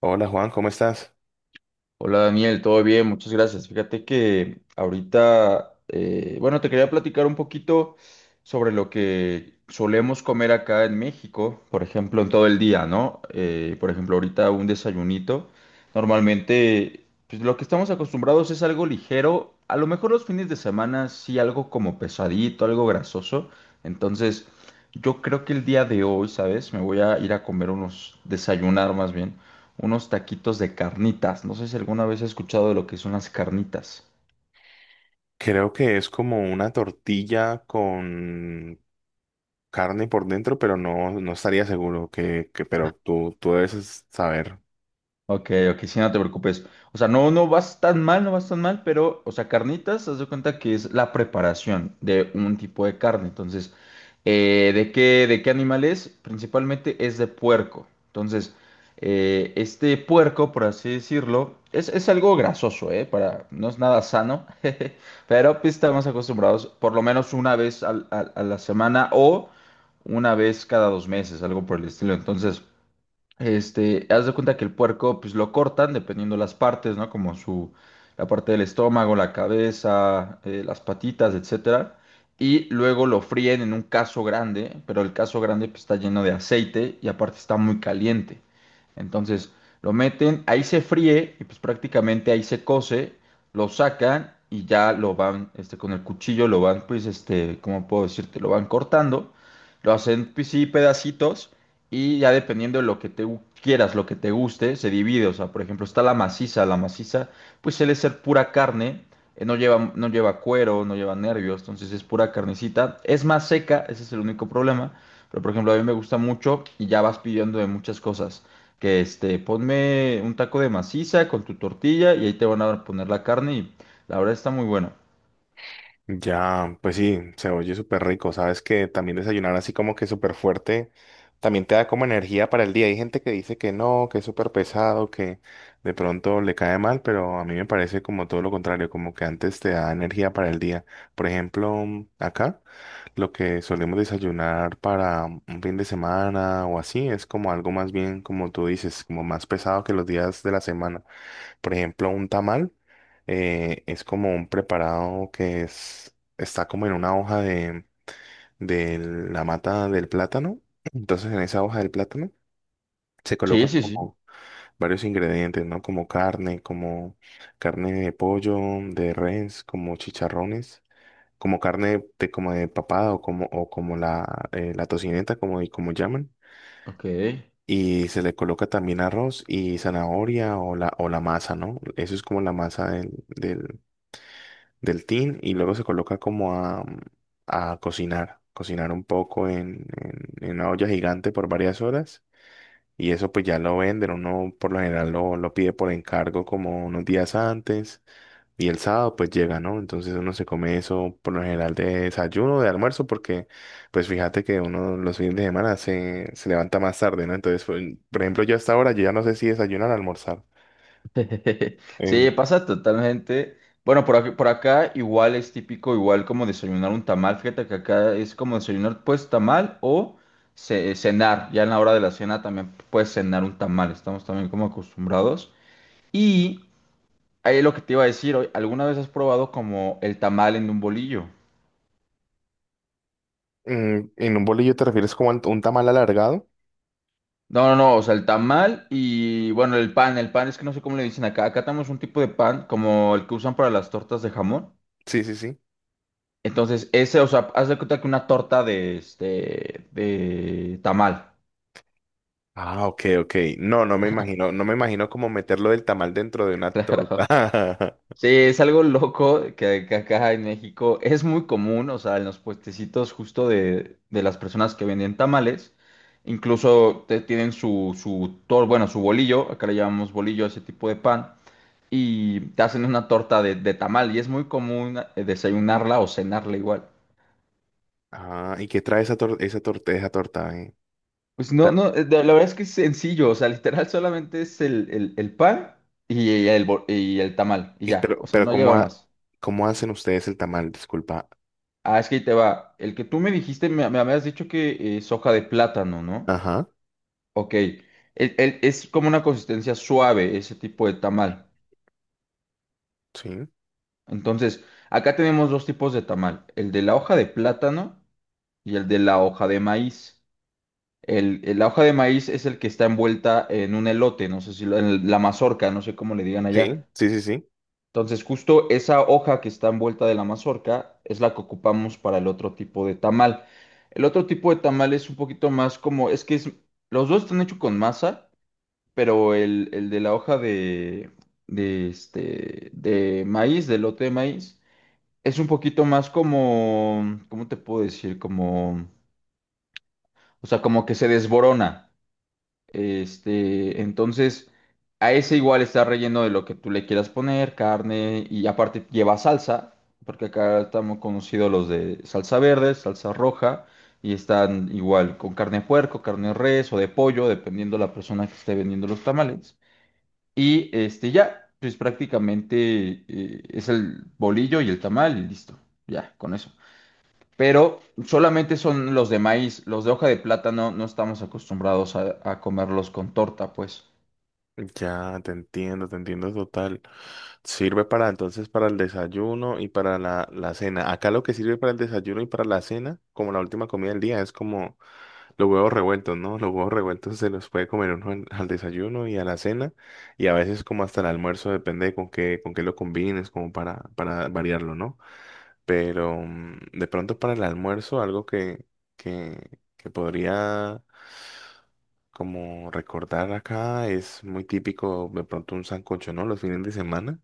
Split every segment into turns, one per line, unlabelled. Hola Juan, ¿cómo estás?
Hola Daniel, todo bien, muchas gracias. Fíjate que ahorita, bueno, te quería platicar un poquito sobre lo que solemos comer acá en México, por ejemplo, en todo el día, ¿no? Por ejemplo, ahorita un desayunito. Normalmente, pues lo que estamos acostumbrados es algo ligero. A lo mejor los fines de semana sí algo como pesadito, algo grasoso. Entonces, yo creo que el día de hoy, ¿sabes? Me voy a ir a comer unos, desayunar más bien unos taquitos de carnitas. No sé si alguna vez has escuchado de lo que son las carnitas.
Creo que es como una tortilla con carne por dentro, pero no, no estaría seguro pero tú debes saber.
Ok, ok, sí, no te preocupes. O sea, no, no vas tan mal, no vas tan mal, pero, o sea, carnitas, haz de cuenta que es la preparación de un tipo de carne. Entonces, de qué animal es? Principalmente es de puerco. Entonces, este puerco, por así decirlo, es algo grasoso, ¿eh? Para, no es nada sano, jeje, pero pues, estamos acostumbrados por lo menos una vez a la semana o una vez cada dos meses, algo por el estilo. Entonces... Este, haz de cuenta que el puerco, pues lo cortan dependiendo las partes, ¿no? Como su, la parte del estómago, la cabeza, las patitas, etcétera. Y luego lo fríen en un caso grande, pero el caso grande pues, está lleno de aceite y aparte está muy caliente. Entonces lo meten, ahí se fríe y pues prácticamente ahí se cose, lo sacan y ya lo van, este, con el cuchillo lo van, pues, este, ¿cómo puedo decirte? Lo van cortando, lo hacen, pues sí, pedacitos y ya dependiendo de lo que quieras, lo que te guste, se divide. O sea, por ejemplo, está la maciza. La maciza, pues suele ser pura carne. No lleva, no lleva cuero, no lleva nervios. Entonces es pura carnecita. Es más seca, ese es el único problema. Pero, por ejemplo, a mí me gusta mucho y ya vas pidiendo de muchas cosas. Que este, ponme un taco de maciza con tu tortilla y ahí te van a poner la carne y la verdad está muy bueno.
Ya, pues sí, se oye súper rico. Sabes que también desayunar así como que súper fuerte también te da como energía para el día. Hay gente que dice que no, que es súper pesado, que de pronto le cae mal, pero a mí me parece como todo lo contrario, como que antes te da energía para el día. Por ejemplo, acá lo que solemos desayunar para un fin de semana o así es como algo más bien, como tú dices, como más pesado que los días de la semana. Por ejemplo, un tamal es como un preparado está como en una hoja de la mata del plátano. Entonces, en esa hoja del plátano se
Sí,
colocan
sí, sí.
como varios ingredientes, ¿no? Como carne de pollo, de res, como chicharrones, como carne de, como de papada o como la, la tocineta, como, y como llaman.
Ok.
Y se le coloca también arroz y zanahoria o la, masa, ¿no? Eso es como la masa del tin y luego se coloca como a cocinar un poco en una olla gigante por varias horas y eso pues ya lo venden, uno por lo general lo pide por encargo como unos días antes y el sábado pues llega, ¿no? Entonces uno se come eso por lo general de desayuno, de almuerzo, porque pues fíjate que uno los fines de semana se levanta más tarde, ¿no? Entonces, por ejemplo, yo hasta ahora yo ya no sé si desayunar o almorzar.
Sí,
En,
pasa totalmente. Bueno, por aquí, por acá igual es típico, igual como desayunar un tamal. Fíjate que acá es como desayunar pues tamal o cenar. Ya en la hora de la cena también puedes cenar un tamal. Estamos también como acostumbrados. Y ahí lo que te iba a decir, hoy, ¿alguna vez has probado como el tamal en un bolillo?
en un bolillo te refieres como a un tamal alargado.
No, no, no, o sea, el tamal y bueno, el pan. El pan es que no sé cómo le dicen acá. Acá tenemos un tipo de pan como el que usan para las tortas de jamón.
Sí, sí, sí.
Entonces, ese, o sea, haz de cuenta que una torta de, este, de tamal.
Ah, ok, ok. No, no me imagino cómo meterlo del tamal dentro de una
Claro.
torta.
Sí, es algo loco que acá en México es muy común, o sea, en los puestecitos justo de las personas que venden tamales, incluso tienen su, bueno, su bolillo, acá le llamamos bolillo a ese tipo de pan, y te hacen una torta de tamal, y es muy común desayunarla o cenarla igual.
Ah, ¿y qué trae esa torta?
Pues
O
no,
sea,
no, la verdad es que es sencillo, o sea, literal solamente es el pan y el, y el tamal, y
y
ya,
pero,
o sea,
pero
no lleva más.
¿cómo hacen ustedes el tamal? Disculpa.
Ah, es que ahí te va. El que tú me dijiste, me habías dicho que es hoja de plátano, ¿no?
Ajá,
Ok, es como una consistencia suave ese tipo de tamal.
sí,
Entonces, acá tenemos dos tipos de tamal, el de la hoja de plátano y el de la hoja de maíz. El, la hoja de maíz es el que está envuelta en un elote, no sé si en la mazorca, no sé cómo le digan allá.
sí, sí, sí, sí.
Entonces, justo esa hoja que está envuelta de la mazorca es la que ocupamos para el otro tipo de tamal. El otro tipo de tamal es un poquito más como, es que los dos están hechos con masa, pero el de la hoja de, este, de maíz, del lote de maíz, es un poquito más como, ¿cómo te puedo decir? Como, o sea, como que se desborona. Este, entonces, a ese igual está relleno de lo que tú le quieras poner, carne, y aparte lleva salsa, porque acá estamos conocidos los de salsa verde, salsa roja, y están igual con carne de puerco, carne de res o de pollo, dependiendo la persona que esté vendiendo los tamales. Y este, ya, pues prácticamente es el bolillo y el tamal y listo, ya, con eso pero solamente son los de maíz, los de hoja de plátano no estamos acostumbrados a comerlos con torta, pues.
Ya, te entiendo total. Sirve para entonces para el desayuno y para la cena. Acá lo que sirve para el desayuno y para la cena, como la última comida del día, es como los huevos revueltos, ¿no? Los huevos revueltos se los puede comer uno al desayuno y a la cena y a veces como hasta el almuerzo, depende de con qué lo combines, como para variarlo, ¿no? Pero de pronto para el almuerzo, algo que podría como recordar acá es muy típico de pronto un sancocho, ¿no? Los fines de semana.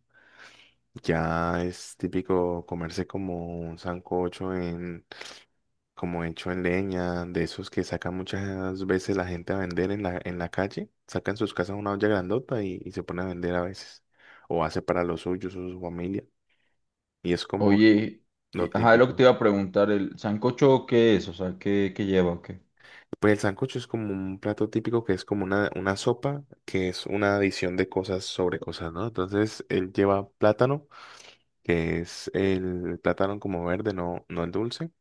Ya es típico comerse como un sancocho en como hecho en leña, de esos que sacan muchas veces la gente a vender en la calle, sacan sus casas una olla grandota y se pone a vender a veces, o hace para los suyos o su familia, y es como
Oye,
lo
y- ajá, lo que te
típico.
iba a preguntar, ¿el sancocho qué es? O sea, ¿qué, qué lleva? O ¿qué?
Pues el sancocho es como un plato típico que es como una sopa, que es una adición de cosas sobre cosas, ¿no? Entonces él lleva plátano, que es el plátano como verde, no, no el dulce,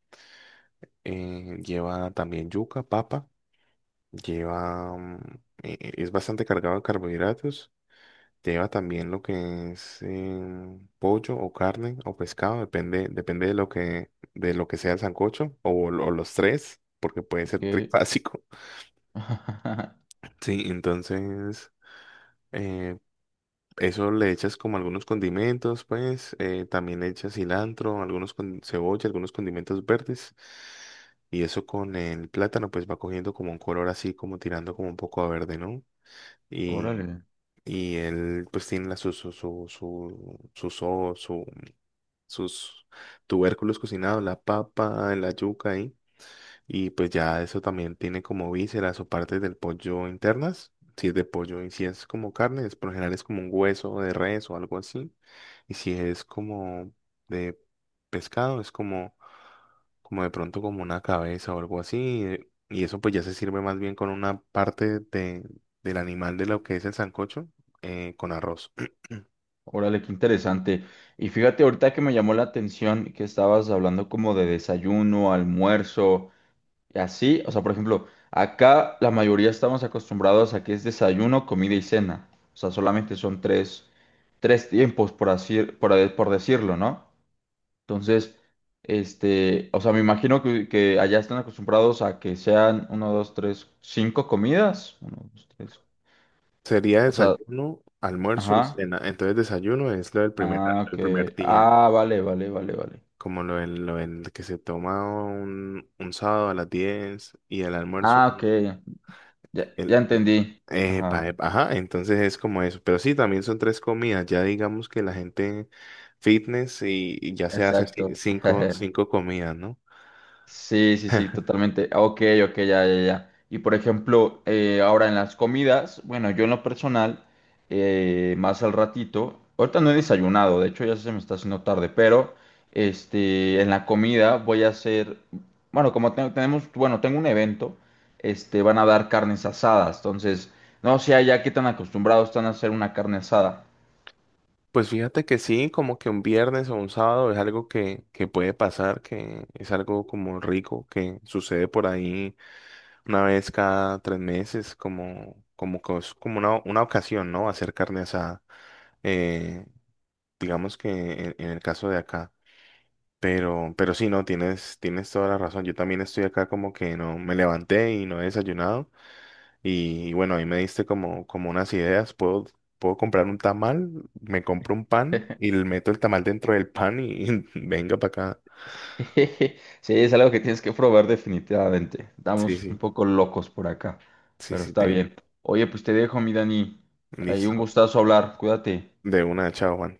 lleva también yuca, papa. Lleva, es bastante cargado de carbohidratos. Lleva también lo que es pollo o carne o pescado, depende de lo que sea el sancocho o los tres, porque puede ser
¿Qué?
trifásico. Sí, entonces eh, eso le echas como algunos condimentos, pues también le echas cilantro, algunos con cebolla, algunos condimentos verdes. Y eso con el plátano, pues va cogiendo como un color así, como tirando como un poco a verde, ¿no? y
Órale,
Y él pues tiene la, su, so- su- sus tubérculos cocinados, la papa, la yuca ahí. Y pues ya eso también tiene como vísceras o partes del pollo internas. Si es de pollo y si es como carne, es por lo general es como un hueso de res o algo así. Y si es como de pescado, es como de pronto como una cabeza o algo así. Y eso pues ya se sirve más bien con una parte del animal de lo que es el sancocho, con arroz.
órale, qué interesante. Y fíjate, ahorita que me llamó la atención que estabas hablando como de desayuno, almuerzo. Y así, o sea, por ejemplo, acá la mayoría estamos acostumbrados a que es desayuno, comida y cena. O sea, solamente son tres, tres tiempos, por así, por, por decirlo, ¿no? Entonces, este, o sea, me imagino que allá están acostumbrados a que sean uno, dos, tres, cinco comidas. Uno, dos, tres.
Sería
O sea,
desayuno, almuerzo y
ajá.
cena. Entonces desayuno es lo del
Ah,
el primer
que.
día,
Ah, vale, vale, vale, vale.
como lo del que se toma un sábado a las 10 y el almuerzo.
Ah, ok. Ya, ya
El, el-
entendí. Ajá.
epa, epa, ajá, entonces es como eso. Pero sí, también son 3 comidas. Ya digamos que la gente fitness y ya se hace
Exacto.
cinco, cinco comidas, ¿no?
Sí, sí, sí, totalmente. Ah, ok, ok, ya, ya, ya. Y por ejemplo, ahora en las comidas, bueno, yo en lo personal, más al ratito, ahorita no he desayunado, de hecho ya se me está haciendo tarde, pero este, en la comida voy a hacer, bueno, como tenemos, bueno, tengo un evento, este, van a dar carnes asadas, entonces, no sé allá qué tan acostumbrados están a hacer una carne asada.
Pues fíjate que sí, como que un viernes o un sábado es algo que puede pasar, que es algo como rico que sucede por ahí una vez cada 3 meses, que es como una ocasión, ¿no? Hacer carne asada. Eh, digamos que en el caso de acá. Pero sí, no, tienes toda la razón. Yo también estoy acá como que no me levanté y no he desayunado. Y, bueno, ahí me diste como unas ideas. Puedo comprar un tamal, me compro un pan y le meto el tamal dentro del pan y, venga para acá.
Sí, es algo que tienes que probar definitivamente.
Sí,
Estamos un
sí,
poco locos por acá,
sí,
pero
sí,
está
tengo.
bien. Oye, pues te dejo, mi Dani. Ahí un
Listo.
gustazo hablar. Cuídate.
De una, chao, Juan.